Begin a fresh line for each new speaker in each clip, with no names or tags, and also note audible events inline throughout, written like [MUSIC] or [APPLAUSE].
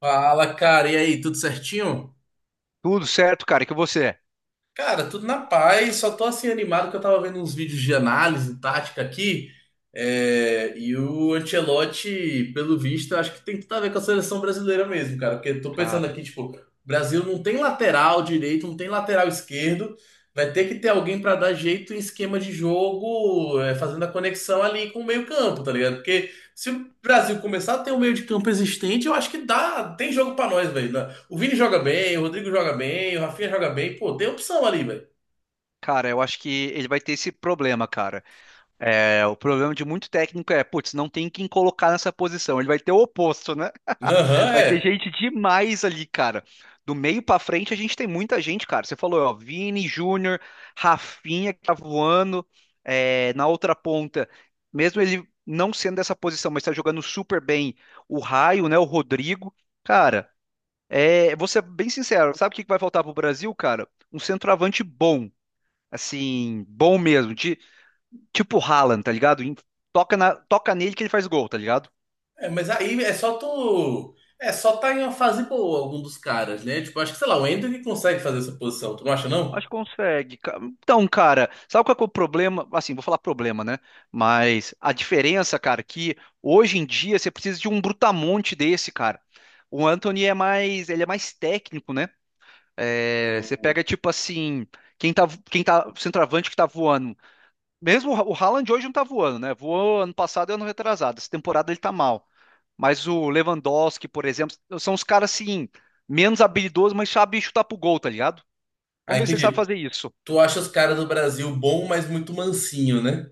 Fala, cara, e aí, tudo certinho?
Tudo certo, cara. E que você?
Cara, tudo na paz, só tô assim animado que eu tava vendo uns vídeos de análise tática aqui, e o Ancelotti, pelo visto, eu acho que tem tudo a ver com a seleção brasileira mesmo, cara, porque eu tô pensando
Cara,
aqui, tipo, o Brasil não tem lateral direito, não tem lateral esquerdo, vai ter que ter alguém pra dar jeito em esquema de jogo, fazendo a conexão ali com o meio-campo, tá ligado? Se o Brasil começar a ter um meio de campo existente, eu acho que dá, tem jogo pra nós, velho, né? O Vini joga bem, o Rodrigo joga bem, o Rafinha joga bem, pô, tem opção ali, velho.
cara, eu acho que ele vai ter esse problema, cara. O problema de muito técnico é, putz, não tem quem colocar nessa posição. Ele vai ter o oposto, né? [LAUGHS]
Aham,
Vai ter
é.
gente demais ali, cara. Do meio pra frente, a gente tem muita gente, cara. Você falou, ó, Vini, Júnior, Rafinha, que tá voando. É, na outra ponta, mesmo ele não sendo dessa posição, mas tá jogando super bem, o Raio, né? O Rodrigo. Cara, vou ser bem sincero, sabe o que que vai faltar pro Brasil, cara? Um centroavante bom. Assim, bom mesmo. De, tipo o Haaland, tá ligado? Toca, toca nele que ele faz gol, tá ligado?
É, mas aí é só tu. É só tá em uma fase boa, algum dos caras, né? Tipo, acho que, sei lá, o Ender que consegue fazer essa posição, tu não acha, não?
Acho que consegue. Então, cara, sabe qual que é o problema? Assim, vou falar problema, né? Mas a diferença, cara, é que hoje em dia você precisa de um brutamonte desse, cara. O Anthony é mais, ele é mais técnico, né? É, você
Hum.
pega tipo assim, quem tá, quem tá centroavante que tá voando. Mesmo o o Haaland hoje não tá voando, né? Voou ano passado e ano retrasado. Essa temporada ele tá mal. Mas o Lewandowski, por exemplo, são os caras assim, menos habilidosos, mas sabem chutar pro gol, tá ligado?
Ah,
Vamos ver se ele sabe
entendi.
fazer isso.
Tu acha os caras do Brasil bom, mas muito mansinho, né?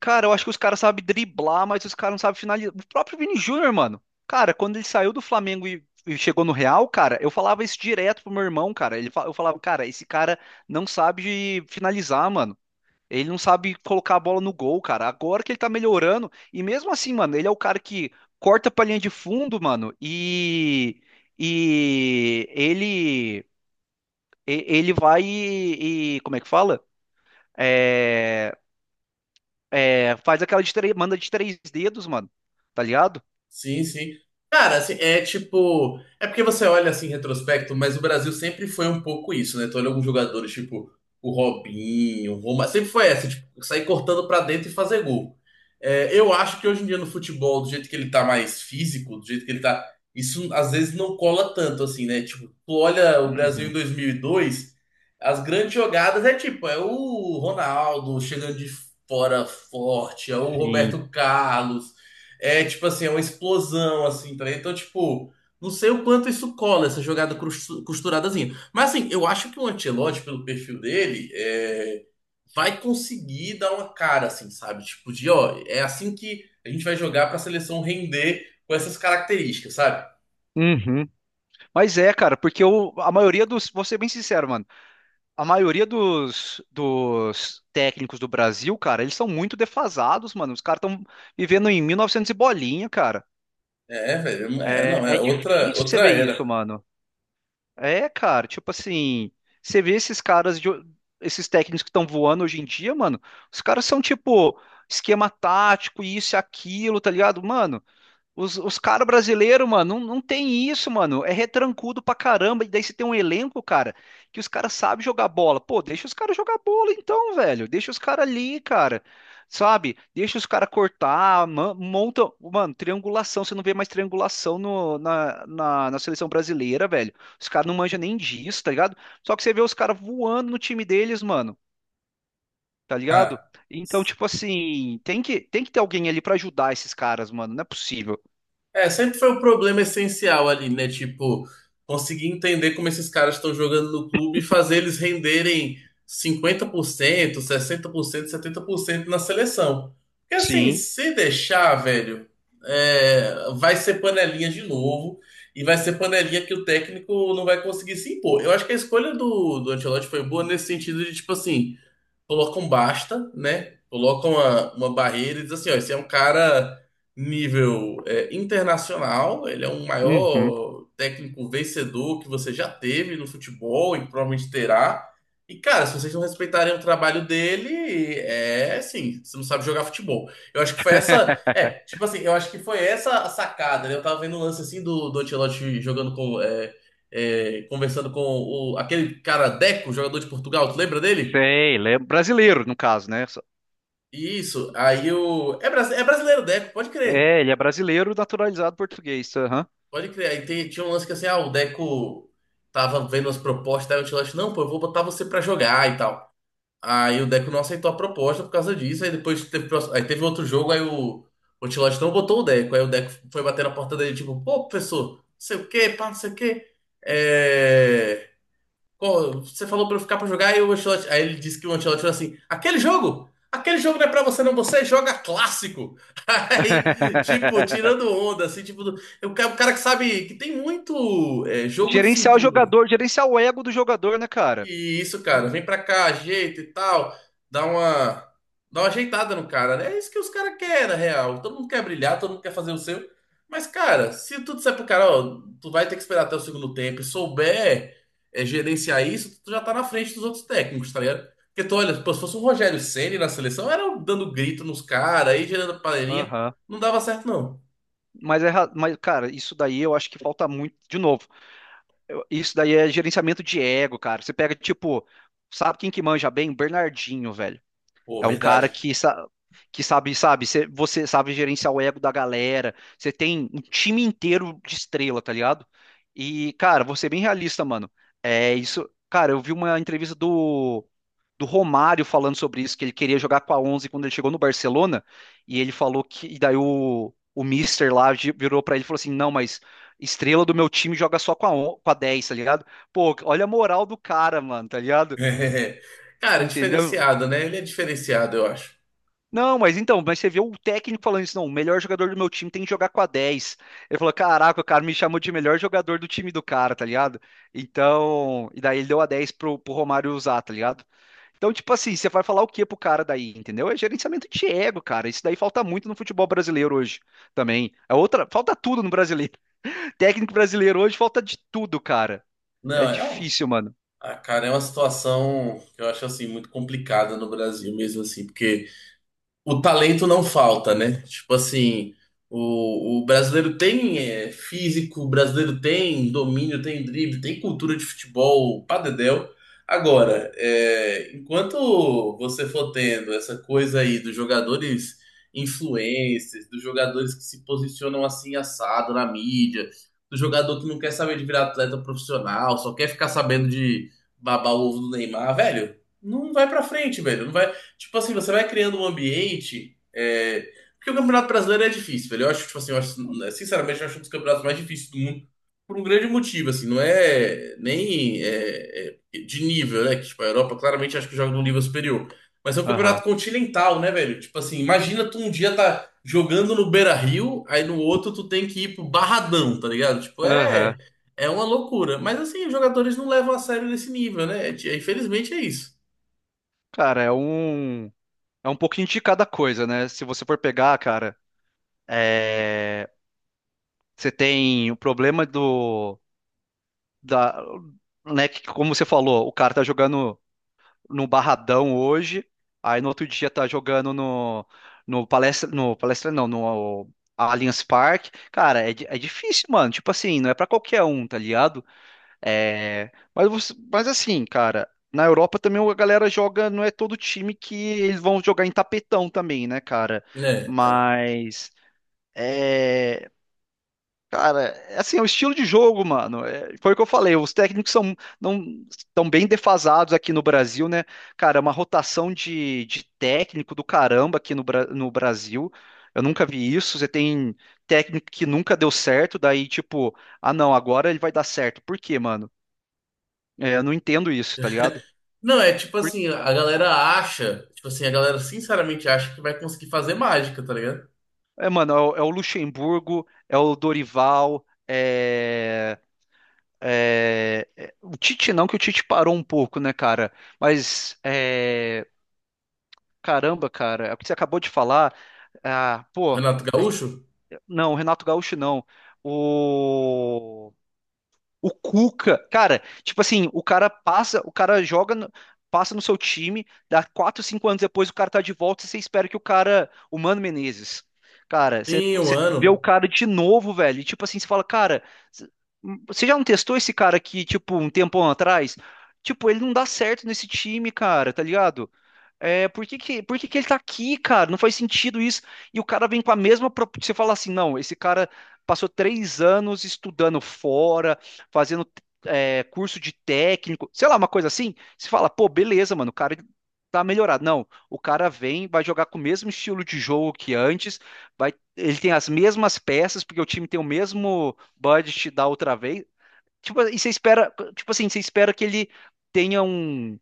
Cara, eu acho que os caras sabem driblar, mas os caras não sabem finalizar. O próprio Vini Júnior, mano. Cara, quando ele saiu do Flamengo e chegou no Real, cara, eu falava isso direto pro meu irmão, cara. Ele, eu falava, cara, esse cara não sabe finalizar, mano. Ele não sabe colocar a bola no gol, cara. Agora que ele tá melhorando. E mesmo assim, mano, ele é o cara que corta pra linha de fundo, mano. E. Ele. Ele vai como é que fala? É, faz aquela de três. Manda de três dedos, mano. Tá ligado?
Sim, sim. Cara, assim, é tipo. É porque você olha assim em retrospecto, mas o Brasil sempre foi um pouco isso, né? Tu olha alguns jogadores, tipo o Robinho, o Roma, sempre foi essa, tipo, sair cortando pra dentro e fazer gol. É, eu acho que hoje em dia no futebol, do jeito que ele tá mais físico, do jeito que ele tá. Isso às vezes não cola tanto, assim, né? Tipo, tu olha o Brasil em
Uhum,
2002, as grandes jogadas é tipo, é o Ronaldo chegando de fora forte, é o
sim.
Roberto Carlos. É tipo assim, é uma explosão, assim, tá ligado? Então, tipo, não sei o quanto isso cola, essa jogada costuradazinha. Mas assim, eu acho que o Ancelotti, pelo perfil dele, vai conseguir dar uma cara, assim, sabe? Tipo, de ó, é assim que a gente vai jogar pra seleção render com essas características, sabe?
Uhum. Mas é, cara, a maioria dos. Vou ser bem sincero, mano. A maioria dos técnicos do Brasil, cara, eles são muito defasados, mano. Os caras estão vivendo em 1900 e novecentos e bolinha, cara.
É, velho,
É,
não, é
é difícil você
outra
ver
era.
isso, mano. É, cara, tipo assim, você vê esses caras, de, esses técnicos que estão voando hoje em dia, mano, os caras são tipo esquema tático, isso e aquilo, tá ligado? Mano, os caras brasileiros, mano, não tem isso, mano. É retrancudo pra caramba. E daí você tem um elenco, cara, que os caras sabem jogar bola. Pô, deixa os caras jogar bola então, velho. Deixa os caras ali, cara. Sabe? Deixa os caras cortar, monta. Mano, triangulação. Você não vê mais triangulação no, na, na, na seleção brasileira, velho. Os caras não manjam nem disso, tá ligado? Só que você vê os caras voando no time deles, mano. Tá ligado?
Ah,
Então, tipo assim, tem que ter alguém ali pra ajudar esses caras, mano. Não é possível.
é, sempre foi o problema essencial ali, né? Tipo, conseguir entender como esses caras estão jogando no clube e fazer eles renderem 50%, 60%, 70% na seleção. Porque assim,
Sim.
se deixar, velho, vai ser panelinha de novo e vai ser panelinha que o técnico não vai conseguir se impor. Eu acho que a escolha do Ancelotti foi boa nesse sentido de, tipo assim, colocam basta, né? Colocam uma barreira e diz assim, ó, esse é um cara nível internacional, ele é um
Uhum.
maior técnico vencedor que você já teve no futebol e provavelmente terá. E, cara, se vocês não respeitarem o trabalho dele, é assim, você não sabe jogar futebol. Eu acho que foi essa. É,
[LAUGHS]
tipo assim, eu acho que foi essa a sacada, né? Eu tava vendo um lance assim do Ancelotti jogando com. Conversando com aquele cara Deco, jogador de Portugal, tu lembra dele?
Sei, ele é brasileiro, no caso, né?
Isso, aí o. É, brasi- é brasileiro o Deco, pode crer.
É, ele é brasileiro naturalizado português. Aham.
Pode crer. Aí tinha um lance que assim, ah, o Deco tava vendo as propostas, aí o Ancelotti, não, pô, eu vou botar você pra jogar e tal. Aí o Deco não aceitou a proposta por causa disso, aí depois teve, aí teve outro jogo, aí o Ancelotti não botou o Deco, aí o Deco foi bater na porta dele, tipo, pô, professor, não sei o quê, pá, não sei o quê. É, você falou pra eu ficar pra jogar e o Ancelotti. Aí ele disse que o Ancelotti falou assim: aquele jogo! Aquele jogo não é pra você, não. Você joga clássico. [LAUGHS] Aí, tipo, tirando
[LAUGHS]
onda, assim, tipo, o cara que sabe que tem muito jogo de
Gerenciar o
cintura.
jogador, gerenciar o ego do jogador, né, cara?
E isso, cara, vem pra cá, ajeita e tal, dá uma, dá uma ajeitada no cara, né? É isso que os caras querem, na real. Todo mundo quer brilhar, todo mundo quer fazer o seu. Mas, cara, se tu disser pro cara, ó, tu vai ter que esperar até o segundo tempo e souber gerenciar isso, tu já tá na frente dos outros técnicos, tá ligado? Porque tu olha, pô, se fosse o Rogério Ceni na seleção, era um dando grito nos caras, aí gerando panelinha,
Aham.
não dava certo, não.
Mas, mas, cara, isso daí eu acho que falta muito. De novo, isso daí é gerenciamento de ego, cara. Você pega, tipo, sabe quem que manja bem? Bernardinho, velho.
Pô,
É um cara
verdade.
que sabe, sabe, você sabe gerenciar o ego da galera. Você tem um time inteiro de estrela, tá ligado? E, cara, vou ser bem realista, mano. É isso. Cara, eu vi uma entrevista do Romário falando sobre isso, que ele queria jogar com a 11 quando ele chegou no Barcelona. E ele falou que. E daí o Mister lá virou pra ele e falou assim: não, mas estrela do meu time joga só com com a 10, tá ligado? Pô, olha a moral do cara, mano, tá ligado?
[LAUGHS] Cara, é
Entendeu?
diferenciado, né? Ele é diferenciado, eu acho.
Não, mas então, mas você viu o técnico falando isso, não, o melhor jogador do meu time tem que jogar com a 10. Ele falou, caraca, o cara me chamou de melhor jogador do time do cara, tá ligado? Então, e daí ele deu a 10 pro Romário usar, tá ligado? Então, tipo assim, você vai falar o que pro cara daí, entendeu? É gerenciamento de ego, cara. Isso daí falta muito no futebol brasileiro hoje também. É outra, falta tudo no brasileiro. [LAUGHS] Técnico brasileiro hoje falta de tudo, cara. É
Não,
difícil, mano.
ah, cara, é uma situação que eu acho assim muito complicada no Brasil mesmo assim, porque o talento não falta, né? Tipo assim, o brasileiro tem físico, o brasileiro tem domínio, tem drible, tem cultura de futebol, pá dedéu. Agora, enquanto você for tendo essa coisa aí dos jogadores influencers, dos jogadores que se posicionam assim assado na mídia, do jogador que não quer saber de virar atleta profissional, só quer ficar sabendo de babar o ovo do Neymar, velho, não vai pra frente, velho. Não vai, Tipo assim, você vai criando um ambiente. Porque o Campeonato Brasileiro é difícil, velho. Eu acho, tipo assim, eu acho, né, sinceramente, eu acho um dos campeonatos mais difíceis do mundo por um grande motivo, assim, não é nem de nível, né? Que, tipo, a Europa claramente acho que joga num nível superior. Mas é um campeonato
Aham.
continental, né, velho? Tipo assim, imagina tu um dia tá jogando no Beira-Rio, aí no outro tu tem que ir pro Barradão, tá ligado? Tipo,
Aham.
é uma loucura. Mas assim, os jogadores não levam a sério nesse nível, né? É, infelizmente é isso.
Cara, é um pouquinho de cada coisa, né? Se você for pegar, cara, é, você tem o problema da, né, que, como você falou, o cara tá jogando no Barradão hoje, aí no outro dia tá jogando no Palestra, no Palestra não, no Allianz Parque. Cara, é, é difícil, mano. Tipo assim, não é pra qualquer um, tá ligado? É, mas, mas assim, cara, na Europa também a galera joga, não é todo time que eles vão jogar em tapetão também, né, cara?
É,
Mas. É, cara, é assim, é o estilo de jogo, mano. É, foi o que eu falei. Os técnicos são não estão bem defasados aqui no Brasil, né? Cara, é uma rotação de técnico do caramba aqui no, no Brasil. Eu nunca vi isso. Você tem técnico que nunca deu certo, daí tipo, ah, não, agora ele vai dar certo. Por quê, mano? É, eu não entendo isso, tá ligado?
não, é tipo
Por-
assim, a galera acha, tipo assim, a galera sinceramente acha que vai conseguir fazer mágica, tá ligado?
É, mano, é é o Luxemburgo, é o Dorival, é. O Tite não, que o Tite parou um pouco, né, cara? Mas, é, caramba, cara, é o que você acabou de falar. Ah, pô,
Renato
é que-
Gaúcho
não, o Renato Gaúcho não. O Cuca, cara, tipo assim, o cara passa, o cara joga, passa no seu time, dá 4, 5 anos depois o cara tá de volta e você espera que o cara, o Mano Menezes, cara,
em um
você vê o
ano.
cara de novo, velho, e tipo assim, você fala, cara, c- você já não testou esse cara aqui, tipo, um tempão atrás? Tipo, ele não dá certo nesse time, cara, tá ligado? É, por que que ele tá aqui, cara? Não faz sentido isso. E o cara vem com a mesma. Você fala assim, não, esse cara passou 3 anos estudando fora, fazendo curso de técnico, sei lá, uma coisa assim. Você fala, pô, beleza, mano, o cara tá melhorado. Não, o cara vem, vai jogar com o mesmo estilo de jogo que antes, vai, ele tem as mesmas peças, porque o time tem o mesmo budget da outra vez. Tipo, e você espera, tipo assim, você espera que ele tenha um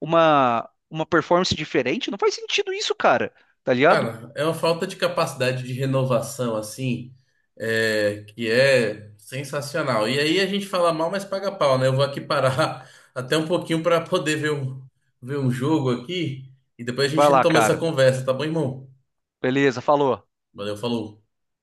uma, uma performance diferente? Não faz sentido isso, cara. Tá ligado?
Cara, é uma falta de capacidade de renovação, assim, que é sensacional. E aí a gente fala mal, mas paga pau, né? Eu vou aqui parar [LAUGHS] até um pouquinho pra poder ver um, jogo aqui e depois a
Vai
gente
lá,
retoma essa
cara.
conversa, tá bom, irmão?
Beleza, falou.
Valeu, falou.